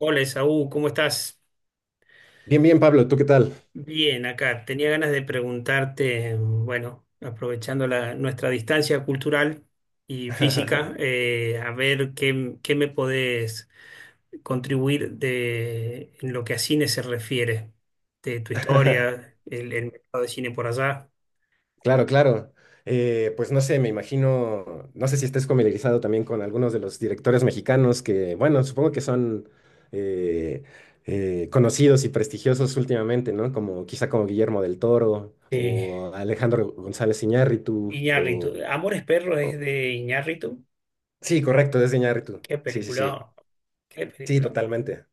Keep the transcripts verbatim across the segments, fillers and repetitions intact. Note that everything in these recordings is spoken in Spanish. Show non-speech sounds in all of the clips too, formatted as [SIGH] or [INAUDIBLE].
Hola, Esaú, ¿cómo estás? Bien, bien, Pablo, ¿tú qué tal? Bien, acá. Tenía ganas de preguntarte, bueno, aprovechando la- nuestra distancia cultural y física, [LAUGHS] eh, a ver qué, qué me podés contribuir de, en lo que a cine se refiere, de tu historia, el, el mercado de cine por allá. Claro, claro. Eh, pues no sé, me imagino, no sé si estés familiarizado también con algunos de los directores mexicanos que, bueno, supongo que son eh, eh, conocidos y prestigiosos últimamente, ¿no? Como quizá como Guillermo del Toro Sí. o Alejandro González Iñárritu Iñárritu. o, Amores Perros es o- de Iñárritu. sí, correcto, es de Iñárritu. Qué Sí, sí, sí. película, qué Sí, película. totalmente,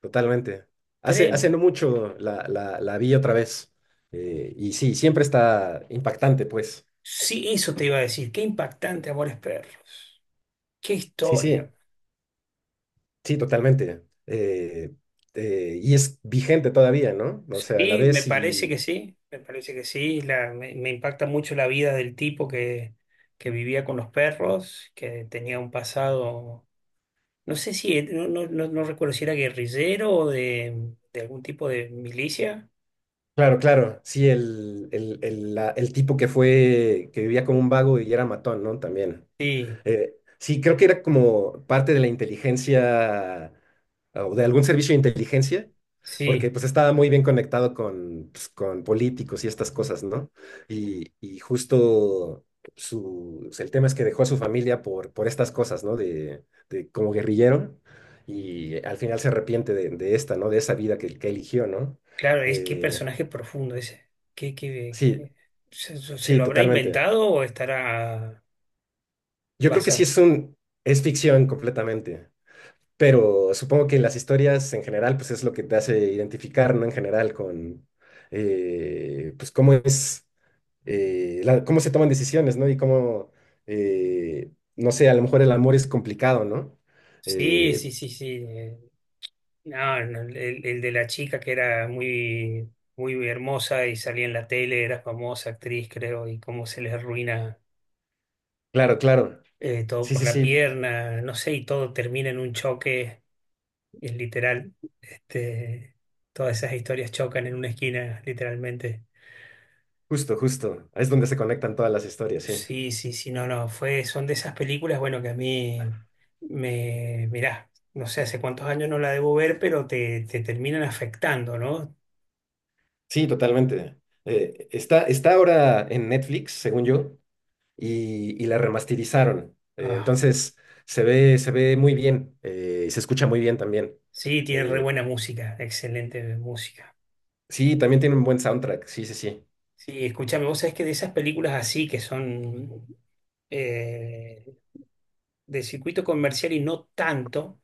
totalmente. Hace, hace Trem- no mucho la, la, la vi otra vez. Eh, y sí, siempre está impactante, pues. Sí, eso te iba a decir. Qué impactante, Amores Perros. Qué Sí, sí, historia. sí, totalmente. Eh, eh, y es vigente todavía, ¿no? O sea, la Sí, me ves parece y. que sí, me parece que sí. La- me, me impacta mucho la vida del tipo que, que vivía con los perros, que tenía un pasado, no sé si, eh, no, no, no- no recuerdo si era guerrillero o de, de algún tipo de milicia. Claro, claro, sí, el, el, el, la- el tipo que fue, que vivía como un vago y era matón, ¿no? También. Sí, Eh, sí, creo que era como parte de la inteligencia ah, o de algún servicio de inteligencia, porque sí, pues estaba muy bien conectado con, pues, con políticos y estas cosas, ¿no? Y, y justo su, pues, el tema es que dejó a su familia por, por estas cosas, ¿no? De, de como guerrillero y al final se arrepiente de, de esta, ¿no? De esa vida que, que eligió, ¿no? claro, es que Eh, personaje profundo ese. ¿Qué, qué- sí, qué- se, se sí, lo habrá totalmente. inventado o estará Yo creo que sí basado? es un, es ficción completamente. Pero supongo que las historias en general, pues es lo que te hace identificar, ¿no? En general con, eh, pues cómo es, eh, la- cómo se toman decisiones, ¿no? Y cómo, eh, no sé, a lo mejor el amor es complicado, ¿no? Sí, Eh, sí, sí, sí. eh, No, no, el, el de la chica que era muy, muy hermosa y salía en la tele, era famosa actriz, creo, y cómo se les arruina claro, claro. eh, todo Sí, por sí, la sí. pierna, no sé, y todo termina en un choque, es literal. Este, Todas esas historias chocan en una esquina, literalmente. Justo, justo. Ahí es donde se conectan todas las historias, sí. Sí, sí, sí, no, no, fue, son de esas películas, bueno, que a mí me, mirá, no sé hace cuántos años no la debo ver, pero te, te terminan afectando, ¿no? Sí, totalmente. Eh, está, está ahora en Netflix, según yo. y, y la remasterizaron. Eh, Ah. Entonces se ve, se ve muy bien, eh, y se escucha muy bien también. Sí, tiene re Eh, buena música, excelente música. sí, también tiene un buen soundtrack, sí, sí, sí, Sí, escúchame, vos sabés que de esas películas así que son eh, de circuito comercial y no tanto,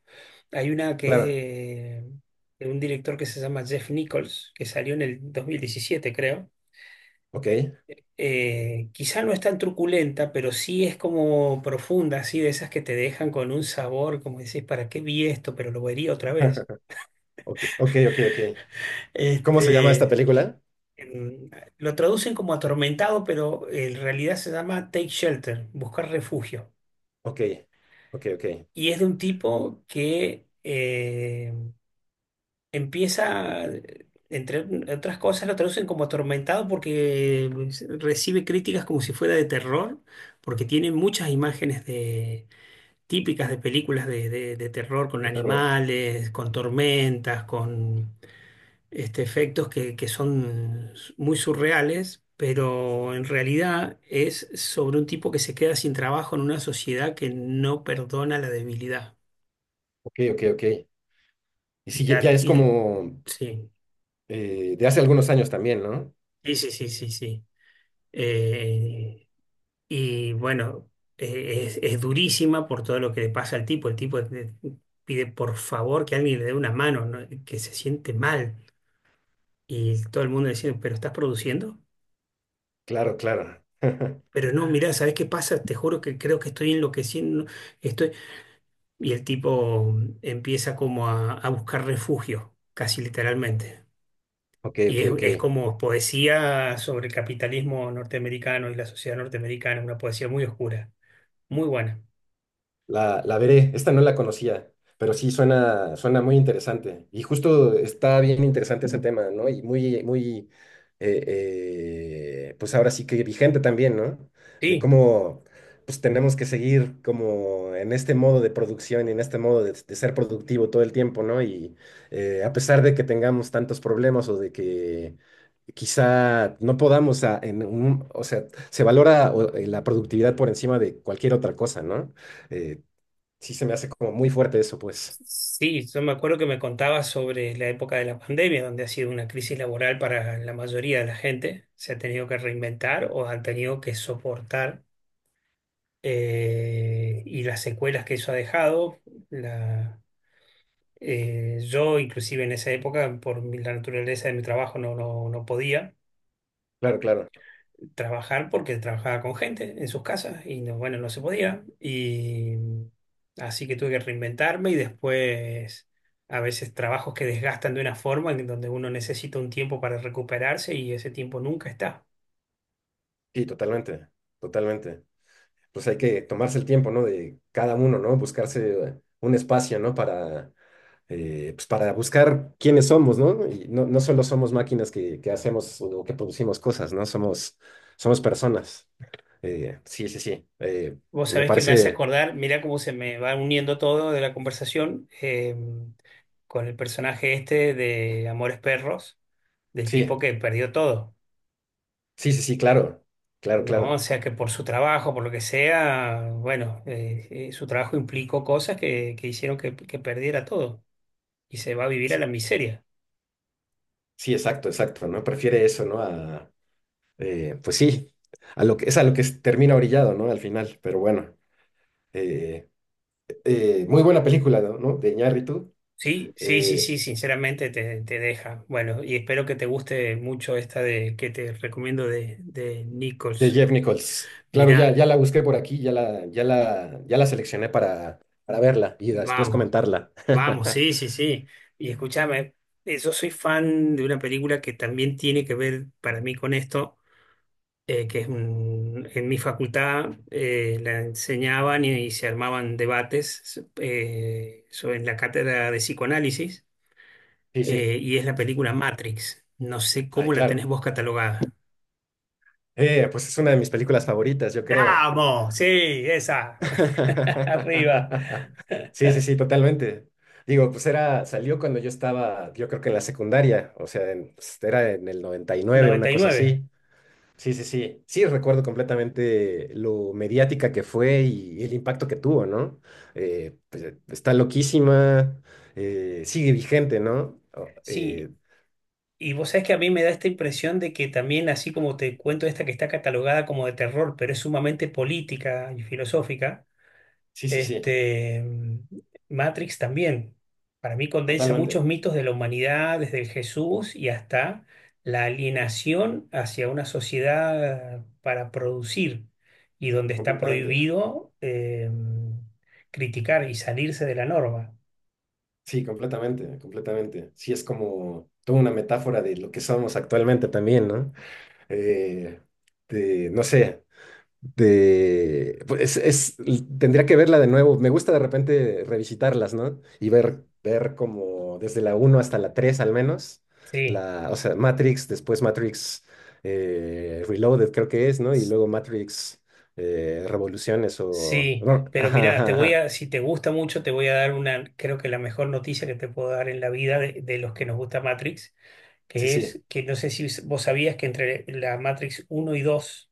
hay una que es claro, de, de un director que se llama Jeff Nichols, que salió en el dos mil diecisiete, creo. ok. Eh, quizá no es tan truculenta, pero sí es como profunda, así de esas que te dejan con un sabor, como decís, ¿para qué vi esto? Pero lo vería otra vez. [LAUGHS] Ok, ok, ok, ok. [LAUGHS] ¿Cómo se llama esta Este, película? en- lo traducen como atormentado, pero en realidad se llama Take Shelter, buscar refugio. Ok, ok, ok, Y es de un tipo que eh, empieza, entre otras cosas, lo traducen como atormentado porque recibe críticas como si fuera de terror, porque tiene muchas imágenes de típicas de películas de, de de terror con de terror, animales, con tormentas, con este, efectos que, que son muy surreales, pero en realidad es sobre un tipo que se queda sin trabajo en una sociedad que no perdona la debilidad. ok, ok, ok. Y Y sí, ya, ya la, es y- como sí, eh, de hace algunos años también, ¿no? sí, sí, sí, sí. Sí. Eh, y bueno, eh, es, es durísima por todo lo que le pasa al tipo. El tipo eh, pide por favor que alguien le dé una mano, ¿no? Que se siente mal. Y todo el mundo diciendo, ¿pero estás produciendo? Claro, claro. [LAUGHS] Pero no, mirá, ¿sabés qué pasa? Te juro que creo que estoy enloqueciendo. Estoy. Y el tipo empieza como a, a buscar refugio, casi literalmente. Ok, Y ok, es, es ok. como poesía sobre el capitalismo norteamericano y la sociedad norteamericana, una poesía muy oscura, muy buena. La, la veré, esta no la conocía, pero sí suena, suena muy interesante. Y justo está bien interesante ese tema, ¿no? Y muy, muy, eh, eh, pues ahora sí que vigente también, ¿no? De Sí, cómo, pues tenemos que seguir como en este modo de producción y en este modo de, de ser productivo todo el tiempo, ¿no? Y eh, a pesar de que tengamos tantos problemas o de que quizá no podamos, a- en un- o sea, se valora o, eh, la productividad por encima de cualquier otra cosa, ¿no? Eh, Sí, se me hace como muy fuerte eso, pues. sí, yo me acuerdo que me contabas sobre la época de la pandemia, donde ha sido una crisis laboral para la mayoría de la gente. Se ha tenido que reinventar o han tenido que soportar eh, y las secuelas que eso ha dejado. La, eh, yo, inclusive en esa época, por mi- la naturaleza de mi trabajo, no, no, no podía Claro, claro. trabajar porque trabajaba con gente en sus casas y no, bueno, no se podía. Y así que tuve que reinventarme y después a veces trabajos que desgastan de una forma en donde uno necesita un tiempo para recuperarse y ese tiempo nunca está. Sí, totalmente, totalmente. Pues hay que tomarse el tiempo, ¿no? De cada uno, ¿no? Buscarse un espacio, ¿no? Para, eh, pues para buscar quiénes somos, ¿no? Y no, no solo somos máquinas que, que hacemos o que producimos cosas, ¿no? Somos, somos personas. Eh, sí, sí, sí. Eh, Vos me sabés que me hace parece, acordar, mirá cómo se me va uniendo todo de la conversación. Eh, con el personaje este de Amores Perros, del tipo sí, que perdió todo, sí, sí, sí, claro, claro, ¿no? O claro. sea, que por su trabajo, por lo que sea, bueno, eh, eh, su trabajo implicó cosas que, que hicieron que, que perdiera todo y se va a vivir a Sí, la miseria. sí, exacto, exacto, ¿no? Prefiere eso, ¿no? A Eh, pues sí, a lo que, es a lo que s- termina orillado, ¿no? Al final, pero bueno. eh, eh, Muy buena película, ¿no? ¿no? De Iñárritu, Sí, sí, sí, eh, sí, sinceramente te, te deja. Bueno, y espero que te guste mucho esta de que te recomiendo de, de de Nichols. Jeff Nichols. Claro, ya, Mirá, ya la busqué por aquí, ya la, ya la, ya la seleccioné para, para verla y después vamos. comentarla. Vamos, sí, [LAUGHS] sí, sí. Y escúchame, eh, yo soy fan de una película que también tiene que ver para mí con esto, eh, que es un- en mi facultad eh, la enseñaban y, y se armaban debates eh, sobre en la cátedra de psicoanálisis Sí, sí. eh, y es la película Matrix. No sé Ay, cómo la tenés claro. vos catalogada. Eh, pues es una de mis películas favoritas, yo creo. ¡Vamos! Sí, esa. [LAUGHS] Arriba. [LAUGHS] Sí, sí, sí, totalmente. Digo, pues era, salió cuando yo estaba, yo creo que en la secundaria, o sea, en- pues, era en el noventa y nueve, una Noventa y cosa nueve. así. Sí, sí, sí. Sí, recuerdo completamente lo mediática que fue y, el impacto que tuvo, ¿no? Eh, pues, eh, está loquísima, eh, sigue vigente, ¿no? O- Sí, eh, y vos sabés que a mí me da esta impresión de que también, así como te cuento esta que está catalogada como de terror, pero es sumamente política y filosófica, Sí, sí, sí, este, Matrix también, para mí condensa muchos totalmente, mitos de la humanidad, desde el Jesús y hasta la alienación hacia una sociedad para producir y donde está completamente. prohibido eh, criticar y salirse de la norma. Sí, completamente, completamente. Sí, es como toda una metáfora de lo que somos actualmente también, ¿no? eh, de, no sé, de, pues es, tendría que verla de nuevo. Me gusta de repente revisitarlas, ¿no? Y ver, ver como desde la uno hasta la tres al menos, Sí. la, o sea, Matrix, después Matrix eh, Reloaded creo que es, ¿no? Y luego Matrix eh, Revoluciones o, Sí, no, pero ajá, mirá, te ajá, voy ajá. a, si te gusta mucho, te voy a dar una, creo que la mejor noticia que te puedo dar en la vida de, de los que nos gusta Matrix, Sí, que sí, es que no sé si vos sabías que entre la Matrix uno y dos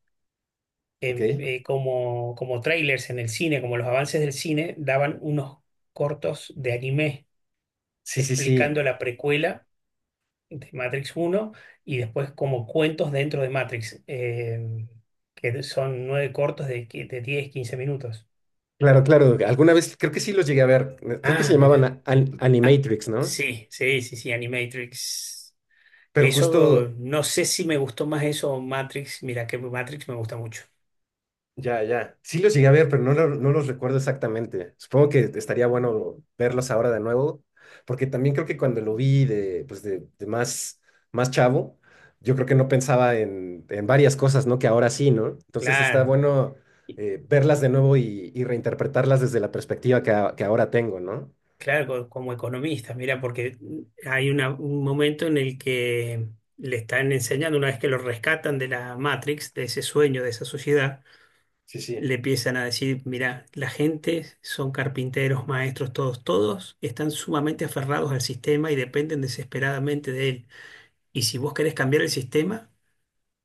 ok. eh, eh, como, como trailers en el cine, como los avances del cine, daban unos cortos de anime Sí, sí, sí. explicando la precuela de Matrix uno y después como cuentos dentro de Matrix, eh, que son nueve cortos de, qui- de diez quince minutos. Claro, claro. Alguna vez creo que sí los llegué a ver. Creo que se Ah, llamaban mira. a- An- Ah, Animatrix, ¿no? sí, sí, sí, sí, Animatrix. Pero justo. Eso, no sé si me gustó más eso o Matrix. Mira, que Matrix me gusta mucho. Ya, ya. Sí los llegué a ver, pero no, lo- no los recuerdo exactamente. Supongo que estaría bueno verlos ahora de nuevo, porque también creo que cuando lo vi de, pues de, de más, más chavo, yo creo que no pensaba en, en varias cosas, ¿no? Que ahora sí, ¿no? Entonces está Claro, bueno eh, verlas de nuevo y, y reinterpretarlas desde la perspectiva que, a- que ahora tengo, ¿no? claro, co- como economista, mira, porque hay una- un momento en el que le están enseñando, una vez que lo rescatan de la Matrix, de ese sueño, de esa sociedad, Sí, sí, le empiezan a decir, mira, la gente son carpinteros, maestros, todos, todos están sumamente aferrados al sistema y dependen desesperadamente de él. Y si vos querés cambiar el sistema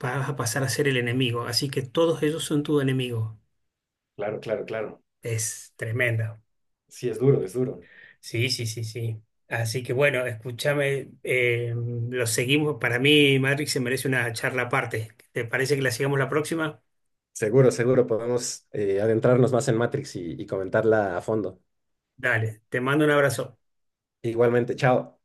vas a pasar a ser el enemigo. Así que todos ellos son tu enemigo. claro, claro, claro. Es tremenda. Sí, es duro, es duro. Sí, sí, sí, sí. Así que bueno, escúchame, eh, lo seguimos. Para mí, Matrix se merece una charla aparte. ¿Te parece que la sigamos la próxima? Seguro, seguro, podemos eh, adentrarnos más en Matrix y y comentarla a fondo. Dale, te mando un abrazo. Igualmente, chao.